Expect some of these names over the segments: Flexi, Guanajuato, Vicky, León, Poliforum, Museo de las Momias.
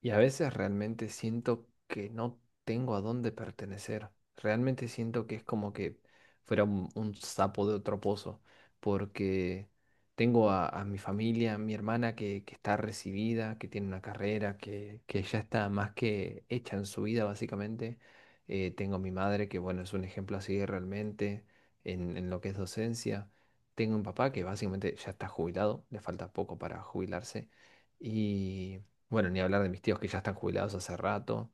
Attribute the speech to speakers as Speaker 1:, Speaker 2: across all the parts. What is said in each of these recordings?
Speaker 1: Y a veces realmente siento que no tengo a dónde pertenecer. Realmente siento que es como que fuera un sapo de otro pozo, porque tengo a mi familia, a mi hermana que está recibida, que tiene una carrera, que ya está más que hecha en su vida, básicamente. Tengo a mi madre, que bueno, es un ejemplo así realmente en lo que es docencia. Tengo un papá que básicamente ya está jubilado, le falta poco para jubilarse. Y bueno, ni hablar de mis tíos que ya están jubilados hace rato.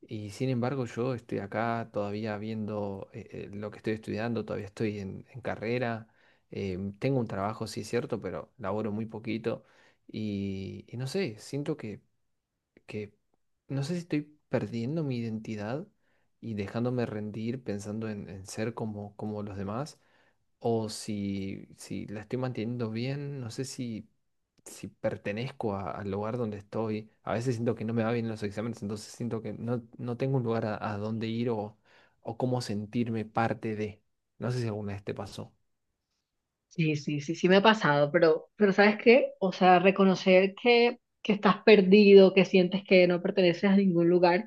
Speaker 1: Y sin embargo, yo estoy acá todavía viendo lo que estoy estudiando, todavía estoy en carrera. Tengo un trabajo, sí es cierto, pero laboro muy poquito. Y no sé, siento que no sé si estoy perdiendo mi identidad y dejándome rendir pensando en ser como, como los demás o si, si la estoy manteniendo bien, no sé si, si pertenezco al lugar donde estoy. A veces siento que no me va bien en los exámenes, entonces siento que no, no tengo un lugar a dónde ir o cómo sentirme parte de. No sé si alguna vez te pasó.
Speaker 2: Sí, sí, sí, sí me ha pasado, pero ¿sabes qué? O sea, reconocer que estás perdido, que sientes que no perteneces a ningún lugar,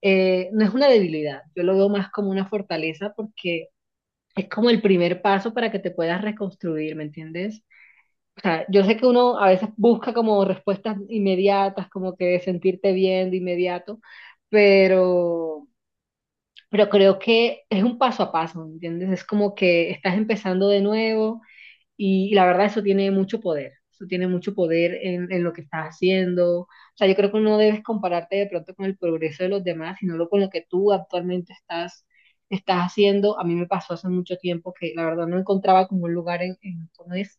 Speaker 2: no es una debilidad, yo lo veo más como una fortaleza porque es como el primer paso para que te puedas reconstruir, ¿me entiendes? O sea, yo sé que uno a veces busca como respuestas inmediatas, como que sentirte bien de inmediato, pero, pero creo que es un paso a paso, ¿me entiendes? Es como que estás empezando de nuevo y la verdad eso tiene mucho poder, eso tiene mucho poder en lo que estás haciendo. O sea, yo creo que no debes compararte de pronto con el progreso de los demás, sino con lo que tú actualmente estás haciendo. A mí me pasó hace mucho tiempo que la verdad no encontraba como un lugar ¿cómo es?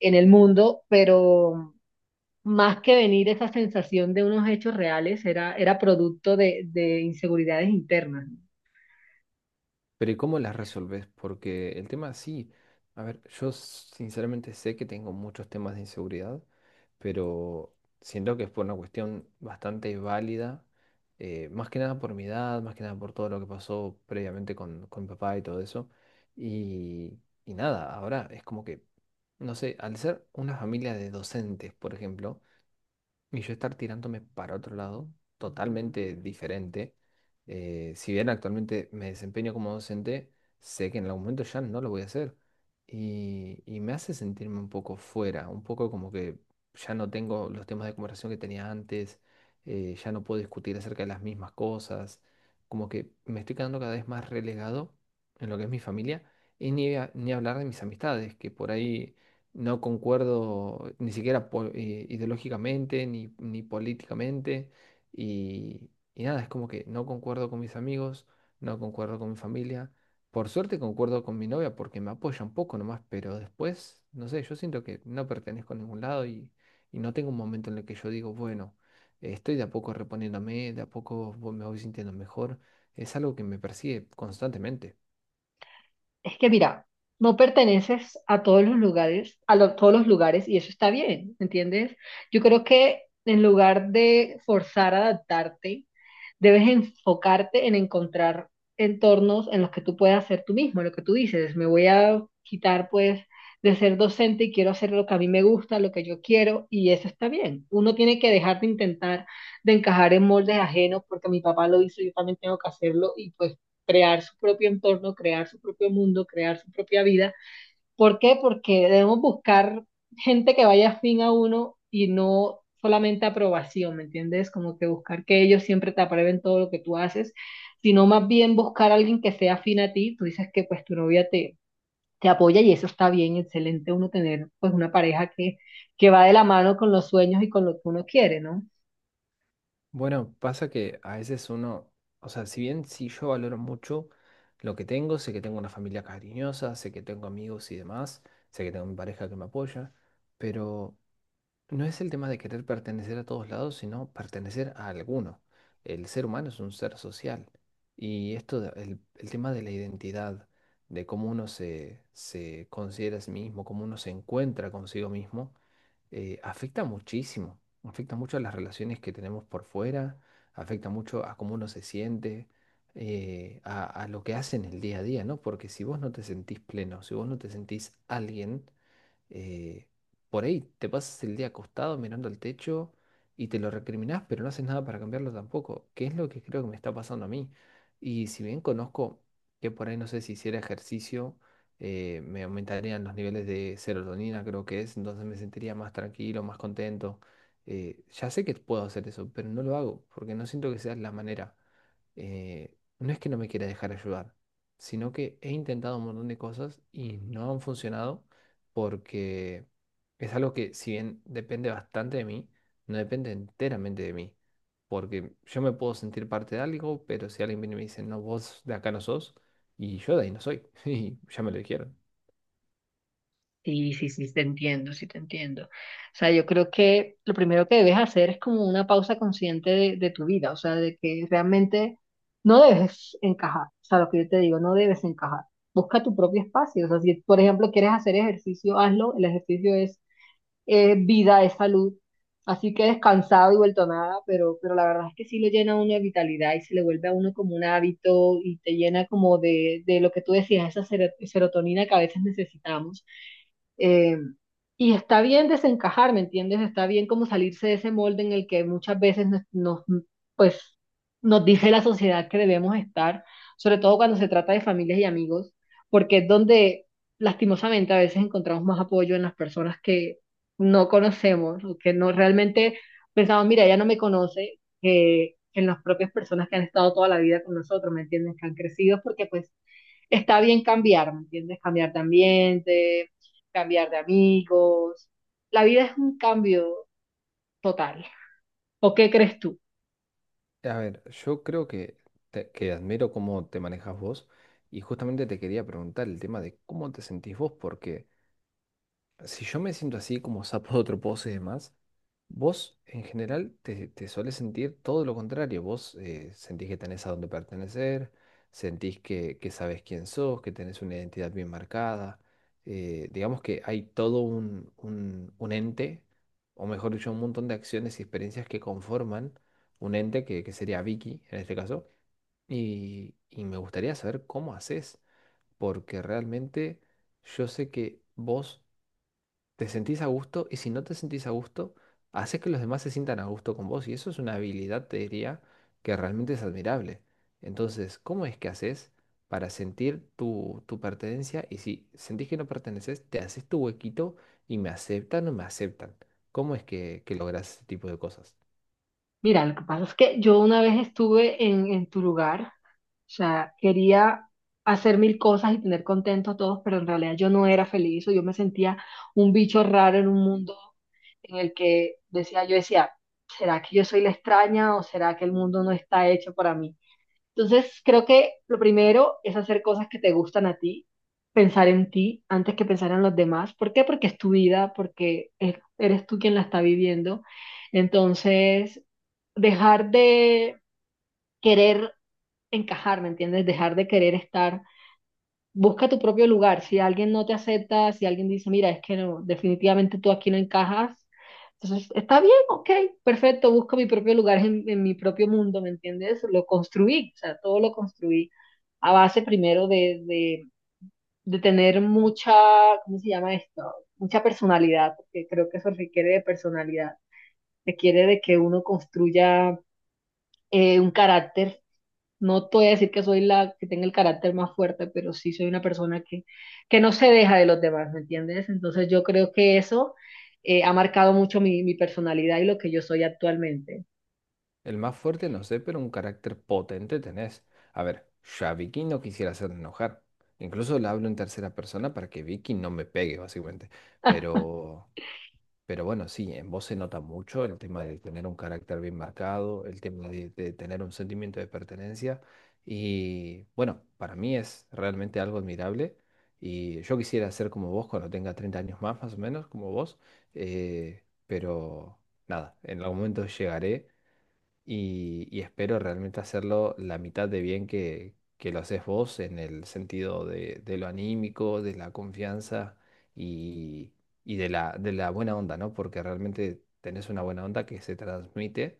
Speaker 2: En el mundo, pero más que venir esa sensación de unos hechos reales, era producto de inseguridades internas. ¿No?
Speaker 1: Pero ¿y cómo las resolves? Porque el tema sí. A ver, yo sinceramente sé que tengo muchos temas de inseguridad, pero siento que es por una cuestión bastante válida, más que nada por mi edad, más que nada por todo lo que pasó previamente con mi papá y todo eso. Y, y nada, ahora es como que, no sé, al ser una familia de docentes, por ejemplo, y yo estar tirándome para otro lado, totalmente diferente. Si bien actualmente me desempeño como docente, sé que en algún momento ya no lo voy a hacer. Y me hace sentirme un poco fuera, un poco como que ya no tengo los temas de conversación que tenía antes, ya no puedo discutir acerca de las mismas cosas, como que me estoy quedando cada vez más relegado en lo que es mi familia y ni, ni hablar de mis amistades, que por ahí no concuerdo ni siquiera ideológicamente ni, ni políticamente. Y nada, es como que no concuerdo con mis amigos, no concuerdo con mi familia. Por suerte concuerdo con mi novia porque me apoya un poco nomás, pero después, no sé, yo siento que no pertenezco a ningún lado y no tengo un momento en el que yo digo, bueno, estoy de a poco reponiéndome, de a poco me voy sintiendo mejor. Es algo que me persigue constantemente.
Speaker 2: Es que mira, no perteneces a todos los lugares, a todos los lugares, y eso está bien, ¿entiendes? Yo creo que en lugar de forzar a adaptarte, debes enfocarte en encontrar entornos en los que tú puedas ser tú mismo. Lo que tú dices, me voy a quitar pues de ser docente y quiero hacer lo que a mí me gusta, lo que yo quiero, y eso está bien. Uno tiene que dejar de intentar de encajar en moldes ajenos porque mi papá lo hizo, yo también tengo que hacerlo, y pues crear su propio entorno, crear su propio mundo, crear su propia vida. ¿Por qué? Porque debemos buscar gente que vaya afín a uno y no solamente aprobación, ¿me entiendes? Como que buscar que ellos siempre te aprueben todo lo que tú haces, sino más bien buscar a alguien que sea afín a ti. Tú dices que pues tu novia te apoya y eso está bien, excelente uno tener pues una pareja que va de la mano con los sueños y con lo que uno quiere, ¿no?
Speaker 1: Bueno, pasa que a veces uno, o sea, si bien sí yo valoro mucho lo que tengo, sé que tengo una familia cariñosa, sé que tengo amigos y demás, sé que tengo mi pareja que me apoya, pero no es el tema de querer pertenecer a todos lados, sino pertenecer a alguno. El ser humano es un ser social y esto, el tema de la identidad, de cómo uno se, se considera a sí mismo, cómo uno se encuentra consigo mismo, afecta muchísimo. Afecta mucho a las relaciones que tenemos por fuera, afecta mucho a cómo uno se siente, a lo que hace en el día a día, ¿no? Porque si vos no te sentís pleno, si vos no te sentís alguien, eh, por ahí te pasas el día acostado mirando al techo y te lo recriminás, pero no haces nada para cambiarlo tampoco, que es lo que creo que me está pasando a mí. Y si bien conozco que por ahí no sé si hiciera ejercicio, me aumentarían los niveles de serotonina, creo que es, entonces me sentiría más tranquilo, más contento. Ya sé que puedo hacer eso, pero no lo hago porque no siento que sea la manera. No es que no me quiera dejar ayudar, sino que he intentado un montón de cosas y no han funcionado porque es algo que si bien depende bastante de mí, no depende enteramente de mí, porque yo me puedo sentir parte de algo, pero si alguien viene y me dice, no, vos de acá no sos, y yo de ahí no soy, y ya me lo dijeron.
Speaker 2: Sí, sí, sí, te entiendo, sí, te entiendo. O sea, yo creo que lo primero que debes hacer es como una pausa consciente de tu vida, o sea, de que realmente no debes encajar, o sea, lo que yo te digo, no debes encajar. Busca tu propio espacio, o sea, si por ejemplo quieres hacer ejercicio, hazlo, el ejercicio es vida, es salud. Así que descansado y vuelto a nada, pero la verdad es que sí lo llena a uno de vitalidad y se le vuelve a uno como un hábito y te llena como de lo que tú decías, esa serotonina que a veces necesitamos. Eh, y está bien desencajar, ¿me entiendes? Está bien como salirse de ese molde en el que muchas veces pues, nos dice la sociedad que debemos estar, sobre todo cuando se trata de familias y amigos, porque es donde lastimosamente a veces encontramos más apoyo en las personas que no conocemos o que no realmente pensamos, mira, ella no me conoce, que en las propias personas que han estado toda la vida con nosotros, ¿me entiendes? Que han crecido porque pues está bien cambiar, ¿me entiendes? Cambiar de ambiente, cambiar de amigos. La vida es un cambio total. ¿O qué crees tú?
Speaker 1: A ver, yo creo que, que admiro cómo te manejas vos, y justamente te quería preguntar el tema de cómo te sentís vos, porque si yo me siento así como sapo de otro pozo y demás, vos en general te, te solés sentir todo lo contrario. Vos sentís que tenés a dónde pertenecer, sentís que sabés quién sos, que tenés una identidad bien marcada. Digamos que hay todo un ente, o mejor dicho, un montón de acciones y experiencias que conforman un ente que sería Vicky en este caso. Y me gustaría saber cómo haces, porque realmente yo sé que vos te sentís a gusto y si no te sentís a gusto, haces que los demás se sientan a gusto con vos y eso es una habilidad, te diría, que realmente es admirable. Entonces, ¿cómo es que haces para sentir tu, tu pertenencia? Y si sentís que no perteneces, te haces tu huequito y me aceptan o me aceptan. ¿Cómo es que logras ese tipo de cosas?
Speaker 2: Mira, lo que pasa es que yo una vez estuve en tu lugar, o sea, quería hacer mil cosas y tener contentos a todos, pero en realidad yo no era feliz o yo me sentía un bicho raro en un mundo en el que decía, yo decía, ¿será que yo soy la extraña o será que el mundo no está hecho para mí? Entonces, creo que lo primero es hacer cosas que te gustan a ti, pensar en ti antes que pensar en los demás. ¿Por qué? Porque es tu vida, porque eres tú quien la está viviendo. Entonces, dejar de querer encajar, ¿me entiendes? Dejar de querer estar, busca tu propio lugar. Si alguien no te acepta, si alguien dice, mira, es que no, definitivamente tú aquí no encajas, entonces está bien, ok, perfecto, busco mi propio lugar en mi propio mundo, ¿me entiendes? Lo construí, o sea, todo lo construí a base primero de tener mucha, ¿cómo se llama esto? Mucha personalidad, porque creo que eso requiere de personalidad, requiere de que uno construya un carácter. No te voy a decir que soy la que tenga el carácter más fuerte, pero sí soy una persona que no se deja de los demás, ¿me entiendes? Entonces yo creo que eso ha marcado mucho mi personalidad y lo que yo soy actualmente.
Speaker 1: El más fuerte, no sé, pero un carácter potente tenés. A ver, yo a Vicky no quisiera hacerla enojar. Incluso le hablo en tercera persona para que Vicky no me pegue, básicamente. Pero Pero bueno, sí, en vos se nota mucho el tema de tener un carácter bien marcado, el tema de tener un sentimiento de pertenencia. Y bueno, para mí es realmente algo admirable. Y yo quisiera ser como vos cuando tenga 30 años más, más o menos, como vos. eh, pero nada, en algún momento llegaré y espero realmente hacerlo la mitad de bien que lo haces vos en el sentido de lo anímico, de la confianza y, y de la buena onda, ¿no? Porque realmente tenés una buena onda que se transmite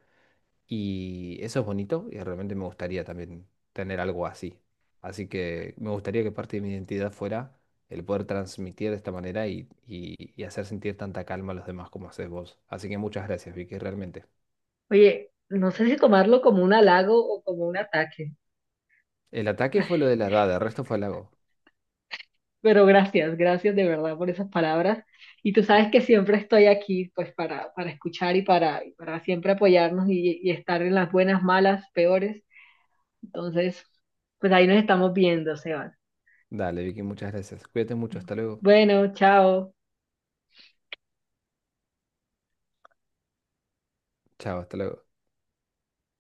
Speaker 1: y eso es bonito y realmente me gustaría también tener algo así. Así que me gustaría que parte de mi identidad fuera el poder transmitir de esta manera y, y hacer sentir tanta calma a los demás como haces vos. Así que muchas gracias, Vicky, realmente.
Speaker 2: Oye, no sé si tomarlo como un halago o como un ataque,
Speaker 1: El ataque fue lo de la edad, el resto fue halago.
Speaker 2: pero gracias, gracias de verdad por esas palabras. Y tú sabes que siempre estoy aquí pues para escuchar y para siempre apoyarnos y estar en las buenas, malas, peores. Entonces, pues ahí nos estamos viendo, Sebas.
Speaker 1: Dale, Vicky, muchas gracias. Cuídate mucho, hasta luego.
Speaker 2: Bueno, chao.
Speaker 1: Chao, hasta luego.